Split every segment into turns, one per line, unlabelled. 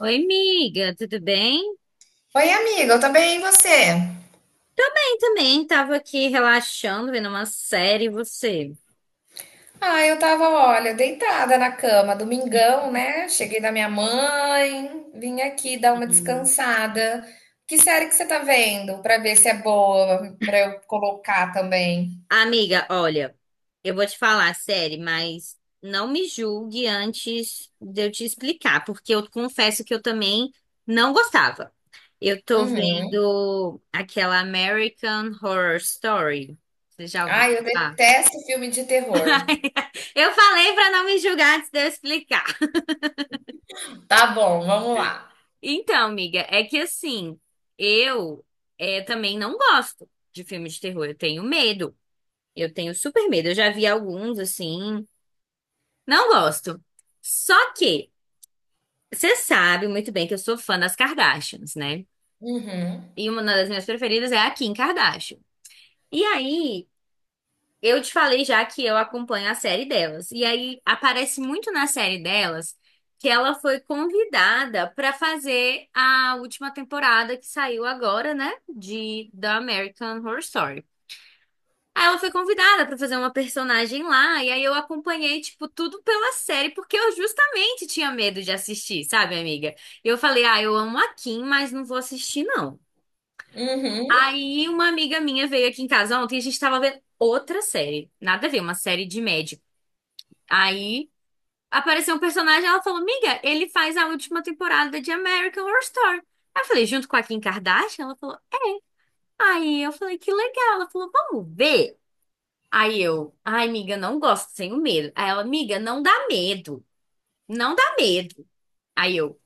Oi, amiga, tudo bem?
Oi, amiga, eu tô bem, e você?
Eu também tava aqui relaxando, vendo uma série, e você?
Ah, eu tava, olha, deitada na cama, domingão, né? Cheguei da minha mãe, vim aqui dar uma
Uhum.
descansada. Que série que você tá vendo? Pra ver se é boa, pra eu colocar também.
Amiga, olha, eu vou te falar a série, mas não me julgue antes de eu te explicar, porque eu confesso que eu também não gostava. Eu tô
Uhum.
vendo aquela American Horror Story. Você já ouviu
Ai, eu
falar?
detesto filme de terror.
Eu falei pra não me julgar antes de eu explicar.
Tá bom, vamos lá.
Então, amiga, é que assim, eu também não gosto de filmes de terror. Eu tenho medo. Eu tenho super medo. Eu já vi alguns, assim. Não gosto. Só que, você sabe muito bem que eu sou fã das Kardashians, né?
Uhum.
E uma das minhas preferidas é a Kim Kardashian. E aí, eu te falei já que eu acompanho a série delas. E aí aparece muito na série delas que ela foi convidada para fazer a última temporada que saiu agora, né, de The American Horror Story. Aí ela foi convidada para fazer uma personagem lá, e aí eu acompanhei tipo tudo pela série porque eu justamente tinha medo de assistir, sabe, amiga? Eu falei: "Ah, eu amo a Kim, mas não vou assistir não".
Uhum.
Aí uma amiga minha veio aqui em casa ontem e a gente tava vendo outra série. Nada a ver, uma série de médicos. Aí apareceu um personagem, ela falou: "Miga, ele faz a última temporada de American Horror Story". Aí eu falei: "Junto com a Kim Kardashian?". Ela falou: "Aí eu falei: "Que legal". Ela falou: "Vamos ver". Aí eu: "Ai, miga, não gosto, tenho medo". Aí ela: "Miga, não dá medo. Não dá medo". Aí eu: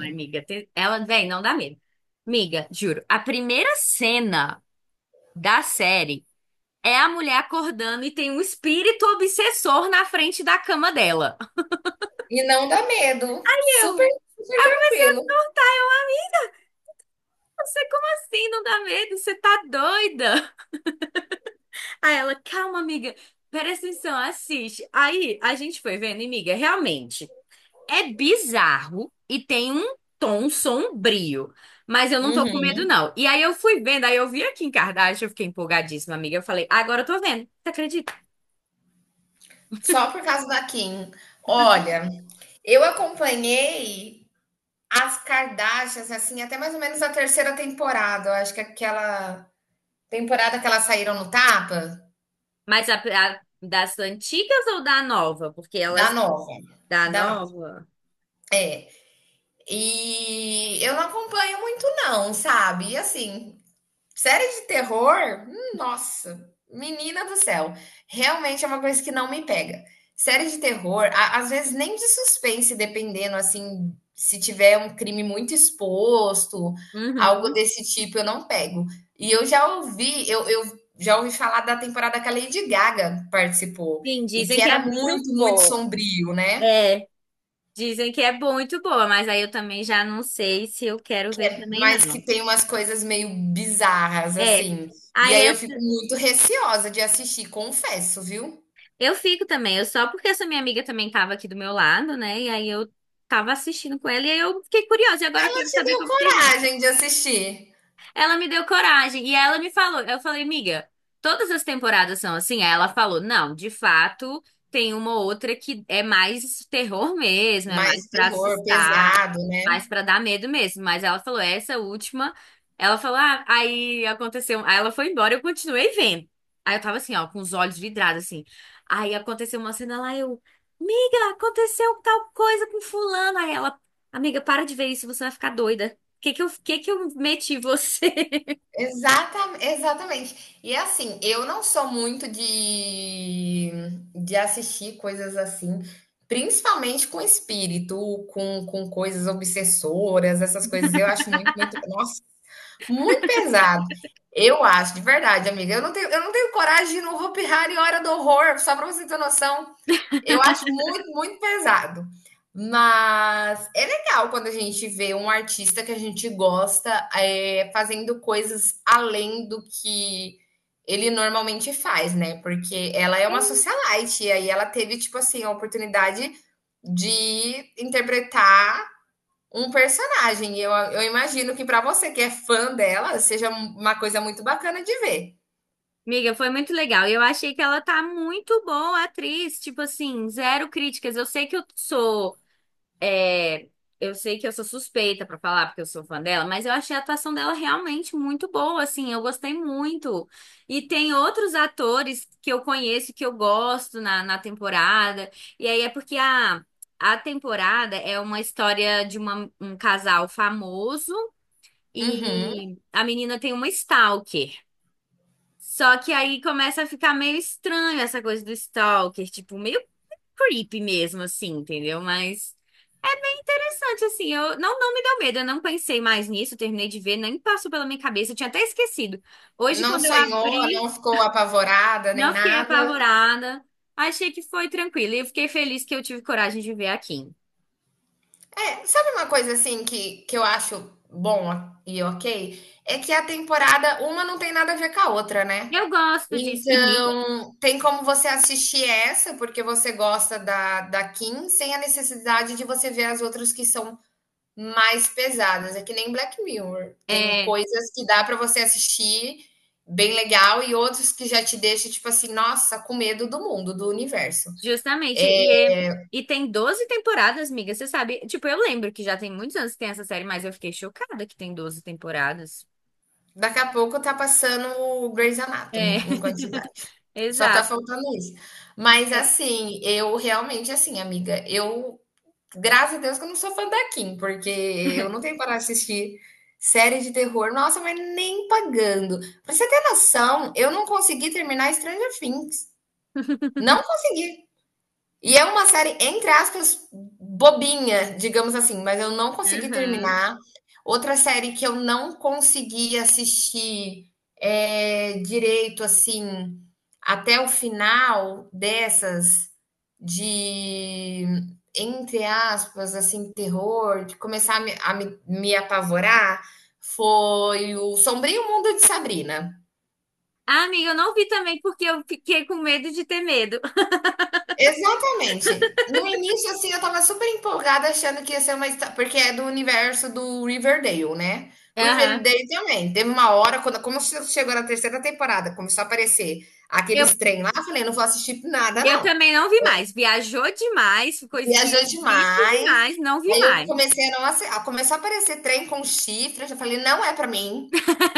"Ai, miga, ela, vem, não dá medo". Miga, juro, a primeira cena da série é a mulher acordando e tem um espírito obsessor na frente da cama dela.
E não dá medo. Super,
Eu.
super tranquilo.
Você, como assim? Não dá medo? Você tá doida? Aí ela, calma, amiga, presta atenção, assiste. Aí a gente foi vendo, e, amiga, realmente é bizarro e tem um tom sombrio, mas eu não tô com medo,
Uhum.
não. E aí eu fui vendo, aí eu vi aqui em Kardashian, eu fiquei empolgadíssima, amiga. Eu falei, agora eu tô vendo, você acredita?
Só por causa da Kim. Olha, eu acompanhei as Kardashians, assim, até mais ou menos a terceira temporada. Eu acho que aquela temporada que elas saíram no tapa,
Mas a, das antigas ou da nova? Porque
da
elas,
nova.
da
Da nova.
nova,
É. E eu não acompanho muito, não, sabe? E assim, série de terror? Nossa, menina do céu. Realmente é uma coisa que não me pega. Série de terror, às vezes nem de suspense, dependendo, assim, se tiver um crime muito exposto, algo
uhum.
desse tipo, eu não pego. E eu já ouvi falar da temporada que a Lady Gaga participou,
Sim,
e
dizem
que
que é
era
muito
muito, muito
boa.
sombrio, né?
É. Dizem que é muito boa, mas aí eu também já não sei se eu quero
Que
ver
é
também,
mas que
não.
tem umas coisas meio bizarras,
É.
assim. E
Aí
aí eu fico muito receosa de assistir, confesso, viu?
eu fico também, eu só porque essa minha amiga também tava aqui do meu lado, né? E aí eu tava assistindo com ela e aí eu fiquei curiosa, e agora eu
Ela
quero
te
saber
deu
como termina.
coragem de assistir.
Ela me deu coragem e ela me falou, eu falei, miga, todas as temporadas são assim? Aí ela falou, não, de fato, tem uma ou outra que é mais terror mesmo, é mais
Mais
pra
terror
assustar,
pesado, né?
mais pra dar medo mesmo, mas ela falou essa última, ela falou, ah, aí aconteceu, aí ela foi embora, eu continuei vendo. Aí eu tava assim, ó, com os olhos vidrados assim. Aí aconteceu uma cena lá, eu, miga, aconteceu tal coisa com fulano. Aí ela, amiga, para de ver isso, você vai ficar doida. Que eu meti você?
Exatamente. E assim, eu não sou muito de assistir coisas assim, principalmente com espírito, com coisas obsessoras, essas coisas. Eu acho muito, muito. Nossa, muito pesado. Eu acho, de verdade, amiga. Eu não tenho coragem de ir no Hopi Hari Hora do Horror, só para você ter noção. Eu acho muito, muito pesado. Mas é legal quando a gente vê um artista que a gente gosta fazendo coisas além do que ele normalmente faz, né? Porque ela é uma socialite, e aí ela teve, tipo assim, a oportunidade de interpretar um personagem. Eu imagino que para você que é fã dela, seja uma coisa muito bacana de ver.
Miga, foi muito legal. E eu achei que ela tá muito boa, atriz. Tipo assim, zero críticas. Eu sei que eu sou. é, eu sei que eu sou suspeita pra falar, porque eu sou fã dela, mas eu achei a atuação dela realmente muito boa, assim. Eu gostei muito. E tem outros atores que eu conheço, que eu gosto na temporada. E aí é porque a temporada é uma história de um casal famoso
Uhum.
e a menina tem uma stalker. Só que aí começa a ficar meio estranho essa coisa do stalker, tipo, meio creepy mesmo, assim, entendeu? Mas é interessante, assim, eu não me deu medo, eu não pensei mais nisso, terminei de ver, nem passou pela minha cabeça, eu tinha até esquecido. Hoje,
Não
quando eu
sonhou, não
abri,
ficou apavorada nem
não fiquei
nada.
apavorada, achei que foi tranquilo, e eu fiquei feliz que eu tive coragem de ver aqui.
É, sabe uma coisa assim que eu acho bom e ok? É que a temporada, uma não tem nada a ver com a outra, né?
Eu gosto disso. E, miga,
Então, tem como você assistir essa, porque você gosta da Kim, sem a necessidade de você ver as outras que são mais pesadas, é que nem Black Mirror. Tem
é,
coisas que dá pra você assistir bem legal e outros que já te deixa, tipo assim, nossa, com medo do mundo, do universo.
justamente, e, e tem 12 temporadas, amiga, você sabe? Tipo, eu lembro que já tem muitos anos que tem essa série, mas eu fiquei chocada que tem 12 temporadas.
Daqui a pouco tá passando o Grey's
É,
Anatomy em quantidade. Só tá
exato.
faltando isso. Mas
É.
assim, eu realmente assim, amiga, eu graças a Deus que eu não sou fã da Kim, porque eu não tenho para assistir série de terror. Nossa, mas nem pagando. Pra você ter noção, eu não consegui terminar Stranger Things. Não consegui. E é uma série, entre aspas, bobinha, digamos assim, mas eu não consegui
Uhum.
terminar. Outra série que eu não consegui assistir direito, assim, até o final dessas, de, entre aspas, assim, terror, de começar a me apavorar, foi o Sombrio Mundo de Sabrina.
Ah, amiga, eu não vi também porque eu fiquei com medo de ter medo.
Exatamente. No início, assim, eu tava super empolgada achando que ia ser uma histó porque é do universo do Riverdale, né. O
Aham.
Riverdale também, teve uma hora quando como che chegou na terceira temporada, começou a aparecer
Eu,
aqueles trem lá, eu falei: não vou assistir nada
eu
não,
também não vi mais. Viajou demais, ficou esquisito
viajou demais".
demais, não vi
Aí eu
mais.
comecei a não assi a começou a aparecer trem com chifre, eu já falei: "Não é pra mim,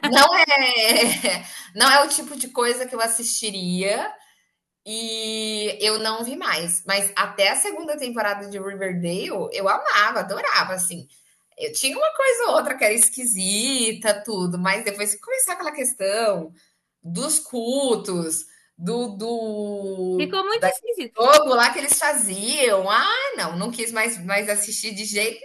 não é não é o tipo de coisa que eu assistiria". E eu não vi mais, mas até a segunda temporada de Riverdale eu amava, adorava, assim. Eu tinha uma coisa ou outra que era esquisita, tudo, mas depois que começou aquela questão dos cultos, do,
Ficou
do
muito
daquele
esquisito.
jogo lá que eles faziam, ah, não, não quis mais assistir de jeito.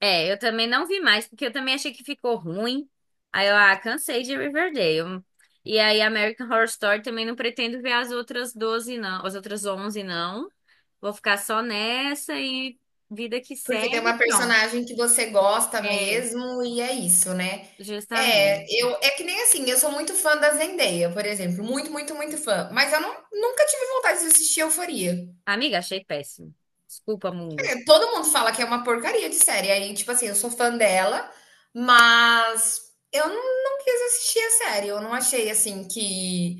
É, eu também não vi mais, porque eu também achei que ficou ruim. Aí eu, ah, cansei de Riverdale. E aí American Horror Story também não pretendo ver as outras 12 não. As outras 11 não. Vou ficar só nessa e vida que
Porque tem
segue,
uma
pronto.
personagem que você gosta
É,
mesmo e é isso, né. É,
justamente.
eu é que nem assim, eu sou muito fã da Zendaya, por exemplo, muito, muito, muito fã, mas eu não nunca tive vontade de assistir Euforia.
Amiga, achei péssimo. Desculpa, mundo.
É, todo mundo fala que é uma porcaria de série, aí, tipo assim, eu sou fã dela, mas eu não quis assistir a série, eu não achei, assim, que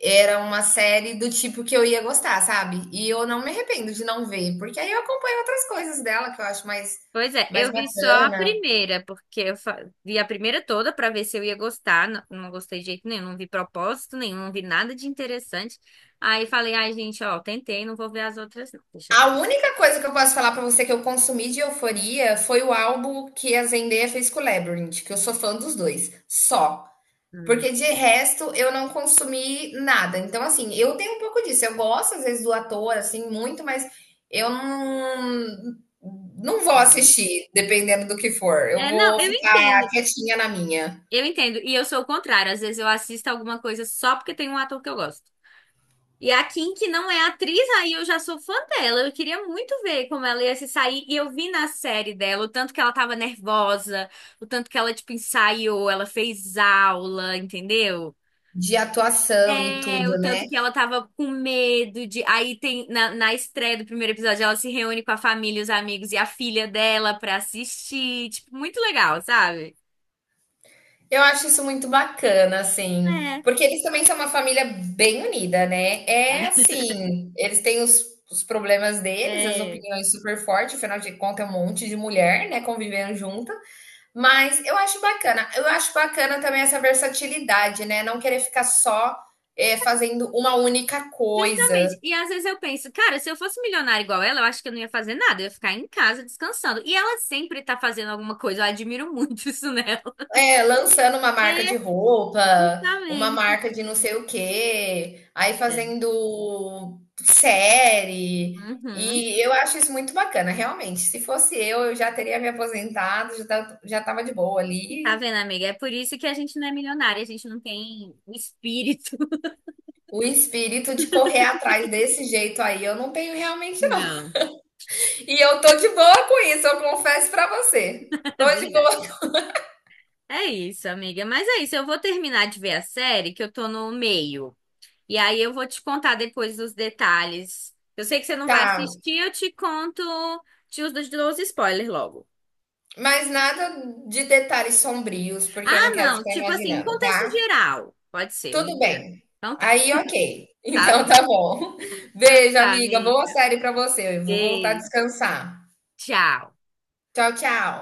era uma série do tipo que eu ia gostar, sabe. E eu não me arrependo de não ver, porque aí eu acompanho outras coisas dela que eu acho mais
Pois é,
mais
eu vi só a
bacana.
primeira, porque eu vi a primeira toda pra ver se eu ia gostar. Não, não gostei de jeito nenhum, não vi propósito nenhum, não vi nada de interessante. Aí falei, ai, gente, ó, tentei, não vou ver as outras, não. Deixa
A
eu...
única coisa que eu posso falar pra você que eu consumi de Euforia foi o álbum que a Zendaya fez com o Labyrinth, que eu sou fã dos dois, só.
Hum.
Porque de resto eu não consumi nada. Então, assim, eu tenho um pouco disso. Eu gosto às vezes do ator, assim, muito, mas eu não vou assistir, dependendo do que for. Eu
É, não,
vou
eu
ficar
entendo,
quietinha na minha,
eu entendo. E eu sou o contrário, às vezes eu assisto alguma coisa só porque tem um ator que eu gosto. E a Kim, que não é atriz, aí eu já sou fã dela. Eu queria muito ver como ela ia se sair. E eu vi na série dela o tanto que ela tava nervosa, o tanto que ela, tipo, ensaiou, ela fez aula, entendeu?
de atuação e tudo,
É, o tanto
né?
que ela tava com medo de. Aí tem, na estreia do primeiro episódio, ela se reúne com a família, os amigos e a filha dela pra assistir. Tipo, muito legal, sabe?
Eu acho isso muito bacana, assim,
É.
porque eles também são uma família bem unida, né? É assim, eles têm os problemas deles, as
É.
opiniões super fortes, afinal de contas é um monte de mulher, né, convivendo junta, mas eu acho bacana. Eu acho bacana também essa versatilidade, né? Não querer ficar só fazendo uma única coisa.
Justamente. E às vezes eu penso, cara, se eu fosse milionária igual ela, eu acho que eu não ia fazer nada, eu ia ficar em casa descansando. E ela sempre tá fazendo alguma coisa, eu admiro muito isso nela.
É, lançando uma marca
É,
de roupa, uma
justamente.
marca de não sei o quê, aí
É.
fazendo série.
Uhum.
E eu acho isso muito bacana, realmente. Se fosse eu já teria me aposentado, já estava de boa
Tá
ali.
vendo, amiga? É por isso que a gente não é milionária, a gente não tem o espírito.
O espírito de correr atrás desse jeito aí, eu não tenho realmente, não.
Não,
E eu tô de boa com isso, eu confesso pra você.
é
Tô de
verdade.
boa.
É isso, amiga. Mas é isso, eu vou terminar de ver a série, que eu tô no meio. E aí eu vou te contar depois os detalhes. Eu sei que você não vai
Tá,
assistir, eu te conto, te os dos spoilers logo.
mas nada de detalhes sombrios, porque eu não
Ah,
quero
não.
ficar
Tipo assim, um
imaginando,
contexto
tá?
geral. Pode ser, um
Tudo
geral.
bem.
Então tá.
Aí, ok.
Tá
Então
bom.
tá bom.
Então
Beijo,
tá,
amiga. Boa
amiga.
série pra você. Eu vou voltar a
Beijo.
descansar.
Tchau.
Tchau, tchau.